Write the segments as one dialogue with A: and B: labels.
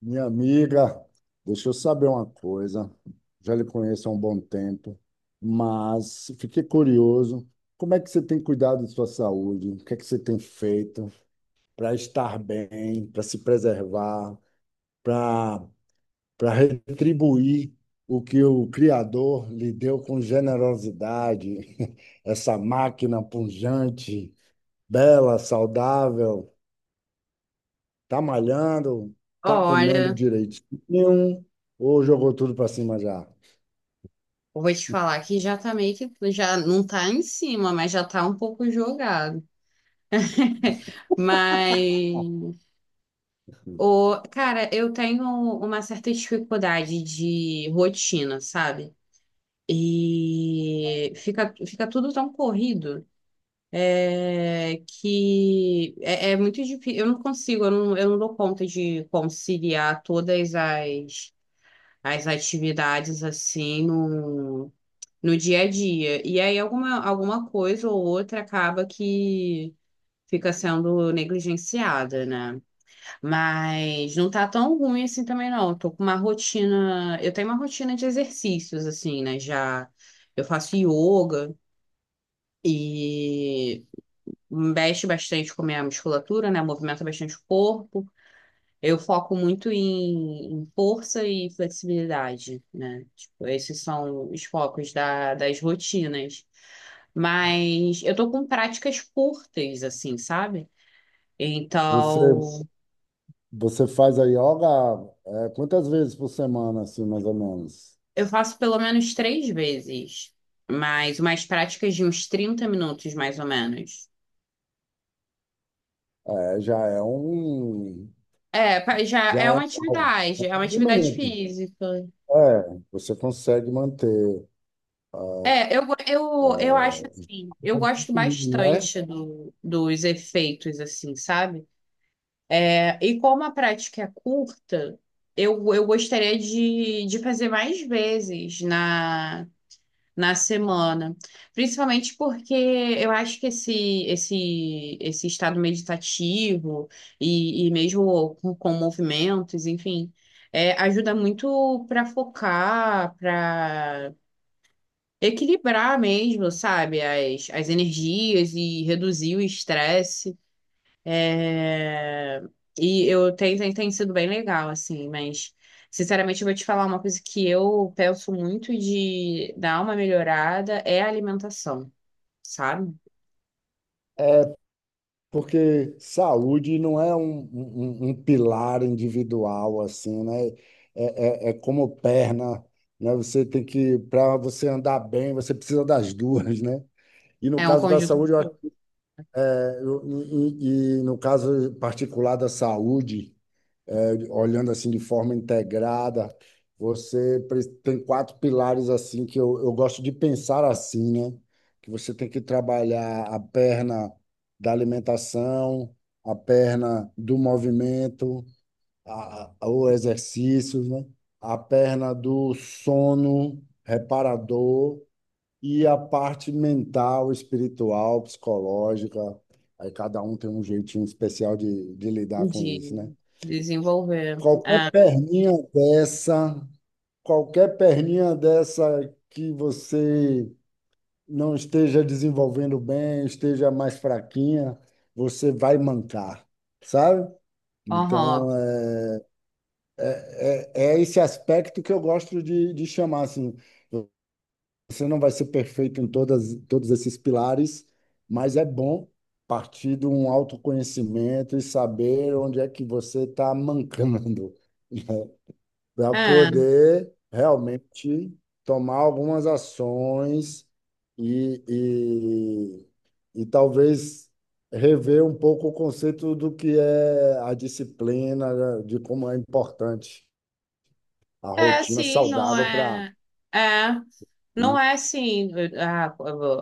A: Minha amiga, deixa eu saber uma coisa. Já lhe conheço há um bom tempo, mas fiquei curioso. Como é que você tem cuidado de sua saúde? O que é que você tem feito para estar bem, para se preservar, para para retribuir o que o Criador lhe deu com generosidade? Essa máquina pujante, bela, saudável. Tá malhando, tá comendo
B: Olha,
A: direitinho, ou jogou tudo para cima já?
B: eu vou te falar que já tá já não tá em cima, mas já tá um pouco jogado. Mas, cara, eu tenho uma certa dificuldade de rotina, sabe? E fica tudo tão corrido, que é muito difícil. Eu não consigo, eu não, Eu não dou conta de conciliar todas as atividades assim no dia a dia. E aí alguma coisa ou outra acaba que fica sendo negligenciada, né? Mas não tá tão ruim assim também, não. Eu tô com uma rotina. Eu tenho uma rotina de exercícios, assim, né? Já eu faço yoga e mexe bastante com a minha musculatura, né? Movimenta bastante o corpo. Eu foco muito em força e flexibilidade, né? Tipo, esses são os focos das rotinas. Mas eu tô com práticas curtas, assim, sabe?
A: Você,
B: Então,
A: você faz a yoga, é, quantas vezes por semana, assim, mais ou menos?
B: eu faço pelo menos três vezes, mas umas práticas de uns 30 minutos, mais ou menos.
A: É,
B: Já
A: já é algo.
B: é uma atividade física.
A: É, você consegue manter, ah,
B: Eu acho assim, eu
A: um
B: gosto
A: pouquinho, né?
B: bastante dos efeitos, assim, sabe? E como a prática é curta, eu gostaria de fazer mais vezes na semana. Principalmente porque eu acho que esse estado meditativo e mesmo com movimentos, enfim, ajuda muito para focar, para equilibrar mesmo, sabe, as energias e reduzir o estresse. É, E tem sido bem legal, assim, mas sinceramente eu vou te falar uma coisa que eu penso muito de dar uma melhorada é a alimentação, sabe?
A: Porque saúde não é um pilar individual, assim, né? É como perna, né? Você tem que, para você andar bem, você precisa das duas, né? E no
B: É um
A: caso da
B: conjunto
A: saúde, eu, acho- é, eu- e no caso particular da saúde, olhando assim de forma integrada. Você tem quatro pilares assim que eu gosto de pensar assim, né? Que você tem que trabalhar a perna da alimentação, a perna do movimento, o exercício, né? A perna do sono reparador e a parte mental, espiritual, psicológica. Aí cada um tem um jeitinho especial de lidar com isso, né?
B: de de desenvolver.
A: Qualquer
B: É,
A: perninha dessa, qualquer perninha dessa que você não esteja desenvolvendo bem, esteja mais fraquinha, você vai mancar, sabe?
B: aham.
A: Então, é esse aspecto que eu gosto de chamar, assim, você não vai ser perfeito em todas, todos esses pilares, mas é bom partir de um autoconhecimento e saber onde é que você está mancando, para
B: É.
A: poder realmente tomar algumas ações e, e talvez rever um pouco o conceito do que é a disciplina, né, de como é importante a
B: É,
A: rotina
B: sim, não
A: saudável para,
B: é. É, não
A: né?
B: é assim. A,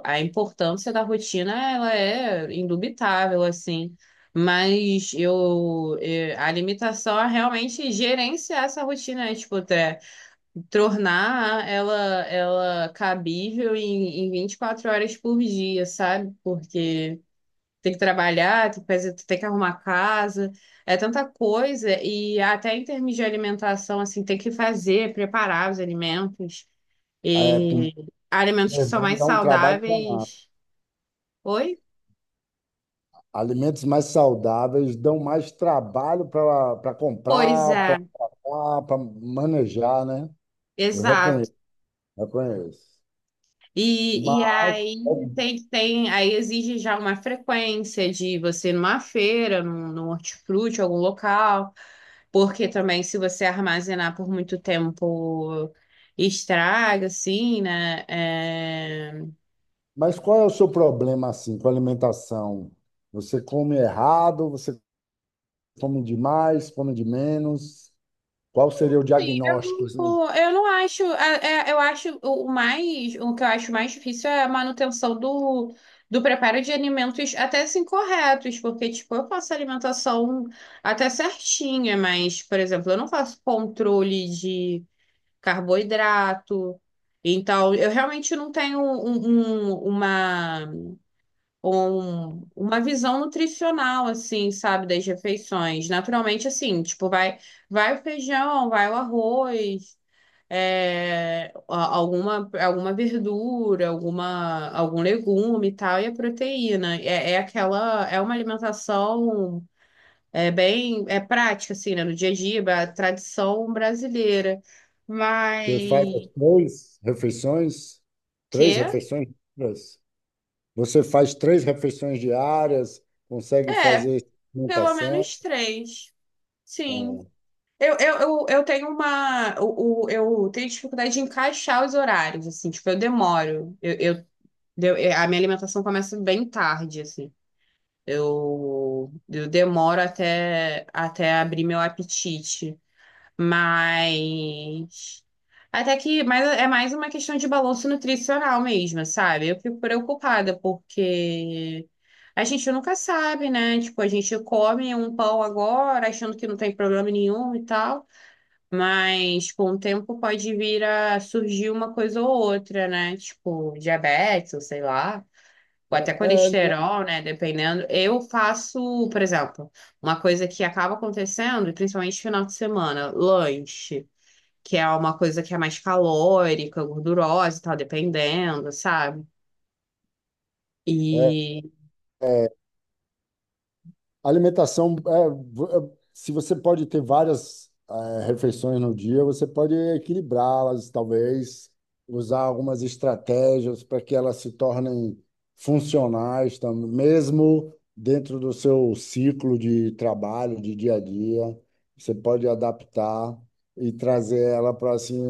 B: a importância da rotina, ela é indubitável, assim. Mas a limitação é realmente gerenciar essa rotina, né? Tipo, até tornar ela cabível em 24 horas por dia, sabe? Porque tem que trabalhar, tem que fazer, tem que arrumar casa, é tanta coisa, e até em termos de alimentação, assim, tem que fazer, preparar os alimentos,
A: É,
B: e
A: comer
B: alimentos que são
A: bem
B: mais
A: dá um trabalho danado.
B: saudáveis. Oi?
A: Alimentos mais saudáveis dão mais trabalho para
B: Pois
A: comprar,
B: é,
A: para manejar, né? Eu
B: exato.
A: reconheço, reconheço.
B: E
A: Mas
B: aí exige já uma frequência de você ir numa feira, num hortifruti, algum local. Porque também, se você armazenar por muito tempo, estraga, assim, né? É,
A: Mas qual é o seu problema assim com a alimentação? Você come errado, você come demais, come de menos? Qual seria o diagnóstico, assim?
B: eu eu não acho. Eu acho o mais. O que eu acho mais difícil é a manutenção do preparo de alimentos até assim corretos, porque, tipo, eu faço alimentação até certinha, mas, por exemplo, eu não faço controle de carboidrato. Então, eu realmente não tenho um- uma. Uma visão nutricional, assim, sabe, das refeições. Naturalmente, assim, tipo, vai o feijão, vai o arroz, alguma verdura, algum legume e tal, e a proteína. É aquela. É uma alimentação, bem prática, assim, né, no dia a dia, é a tradição brasileira.
A: Você faz
B: Mas,
A: as três refeições? Três
B: que?
A: refeições? Diárias? Você faz três refeições diárias, consegue
B: É,
A: fazer
B: pelo
A: alimentação?
B: menos três. Sim.
A: É.
B: Eu tenho uma. Tenho dificuldade de encaixar os horários, assim, tipo, eu demoro. A minha alimentação começa bem tarde, assim. Eu demoro até abrir meu apetite. Mas. Até que. Mas é mais uma questão de balanço nutricional mesmo, sabe? Eu fico preocupada, porque. A gente nunca sabe, né? Tipo, a gente come um pão agora, achando que não tem problema nenhum e tal. Mas com o tempo pode vir a surgir uma coisa ou outra, né? Tipo, diabetes, ou sei lá, ou até
A: é,
B: colesterol, né? Dependendo. Eu faço, por exemplo, uma coisa que acaba acontecendo, principalmente no final de semana, lanche, que é uma coisa que é mais calórica, gordurosa e tal, dependendo, sabe?
A: é
B: E,
A: Alimentação, é, se você pode ter várias refeições no dia, você pode equilibrá-las, talvez, usar algumas estratégias para que elas se tornem funcionais, mesmo dentro do seu ciclo de trabalho, de dia a dia. Você pode adaptar e trazer ela para assim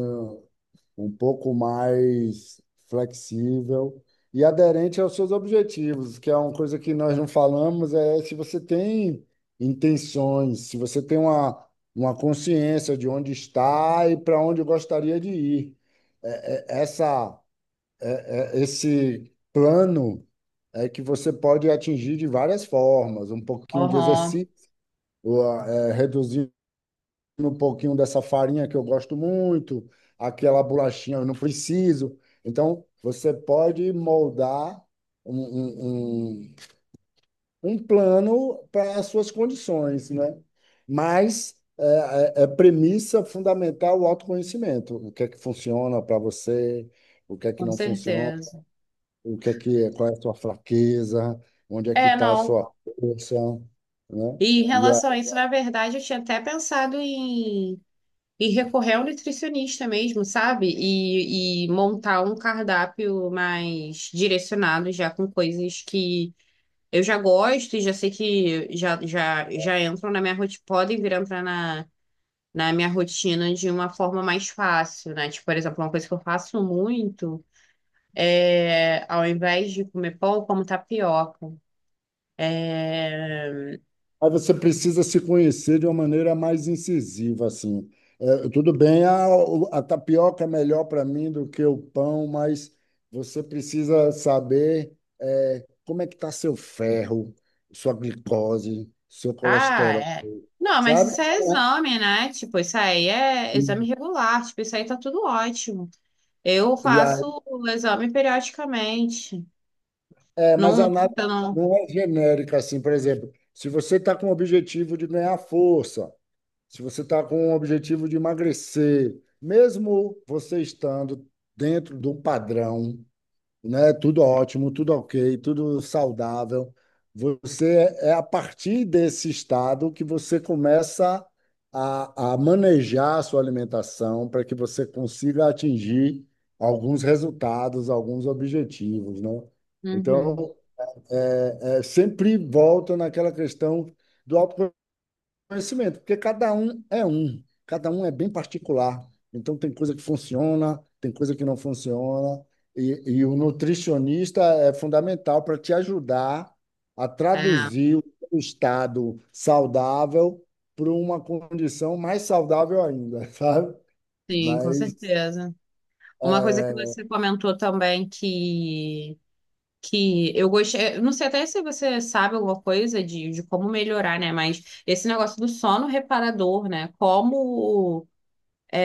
A: um pouco mais flexível e aderente aos seus objetivos, que é uma coisa que nós não falamos, é se você tem intenções, se você tem uma consciência de onde está e para onde gostaria de ir. É- é- essa, Esse plano é que você pode atingir de várias formas, um pouquinho de
B: aham,
A: exercício, ou, é, reduzir um pouquinho dessa farinha que eu gosto muito, aquela bolachinha eu não preciso. Então, você pode moldar um, um, um, um plano para as suas condições, né? Mas é premissa fundamental o autoconhecimento. O que é que funciona para você, o que é que
B: com
A: não funciona,
B: certeza.
A: o que é, qual é a sua fraqueza, onde é que
B: É,
A: está a
B: não.
A: sua força, né?
B: E em
A: E
B: relação a isso, na verdade, eu tinha até pensado em recorrer ao nutricionista mesmo, sabe? E montar um cardápio mais direcionado já com coisas que eu já gosto e já sei que já entram na minha rotina, podem vir a entrar na minha rotina de uma forma mais fácil, né? Tipo, por exemplo, uma coisa que eu faço muito é, ao invés de comer pão, eu como tapioca.
A: Mas você precisa se conhecer de uma maneira mais incisiva, assim. É, tudo bem, a tapioca é melhor para mim do que o pão, mas você precisa saber é, como é que está seu ferro, sua glicose, seu
B: Ah,
A: colesterol,
B: é. Não, mas
A: sabe?
B: isso é exame, né? Tipo, isso aí é exame
A: Hum.
B: regular, tipo, isso aí tá tudo ótimo. Eu
A: E aí,
B: faço o exame periodicamente. Não,
A: mas a
B: não,
A: análise
B: eu não.
A: não é genérica, assim, por exemplo, se você está com o objetivo de ganhar força. Se você está com o objetivo de emagrecer, mesmo você estando dentro do padrão, né, tudo ótimo, tudo ok, tudo saudável, você é a partir desse estado que você começa a manejar a sua alimentação para que você consiga atingir alguns resultados, alguns objetivos, né?
B: Uhum.
A: Então, sempre volta naquela questão do autoconhecimento. Conhecimento, porque cada um é um, cada um é bem particular. Então, tem coisa que funciona, tem coisa que não funciona, e o nutricionista é fundamental para te ajudar a
B: É,
A: traduzir o estado saudável para uma condição mais saudável ainda, sabe?
B: sim, com
A: Mas
B: certeza. Uma coisa que você comentou também que eu gostei, eu não sei até se você sabe alguma coisa de como melhorar, né? Mas esse negócio do sono reparador, né? Como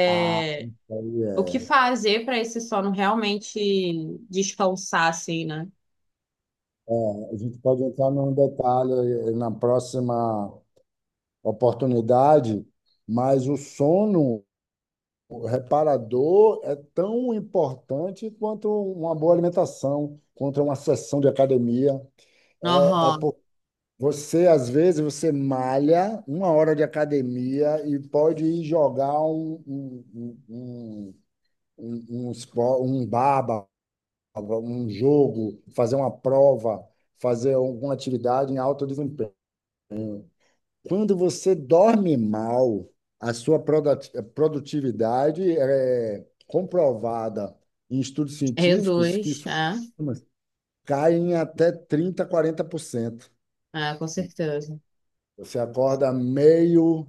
A: ah, aí
B: o que fazer para esse sono realmente descansar, assim, né?
A: a gente pode entrar num detalhe na próxima oportunidade, mas o sono. O reparador é tão importante quanto uma boa alimentação, quanto uma sessão de academia. É, é
B: Aham.
A: por- Você, às vezes, você malha uma hora de academia e pode ir jogar um, um baba, um jogo, fazer uma prova, fazer alguma atividade em alto desempenho. Quando você dorme mal, a sua produtividade é comprovada em estudos científicos que
B: Reduz,
A: caem até 30, 40%.
B: é, é, com certeza.
A: Você acorda meio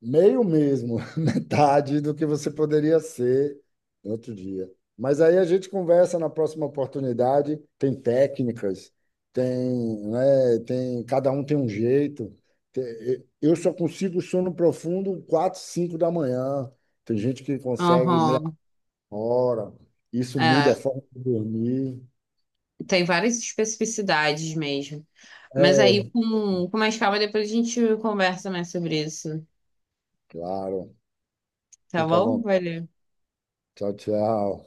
A: Meio mesmo, metade do que você poderia ser no outro dia. Mas aí a gente conversa na próxima oportunidade. Tem técnicas, tem, né, tem, cada um tem um jeito. Eu só consigo sono profundo 4 5 da manhã. Tem gente que consegue meia
B: Aham.
A: hora. Isso muda
B: É,
A: a forma de dormir.
B: tem várias especificidades mesmo. Mas
A: É,
B: aí, com mais calma, depois a gente conversa mais sobre isso.
A: claro.
B: Tá
A: Fica à
B: bom?
A: vontade.
B: Valeu.
A: Tchau, tchau.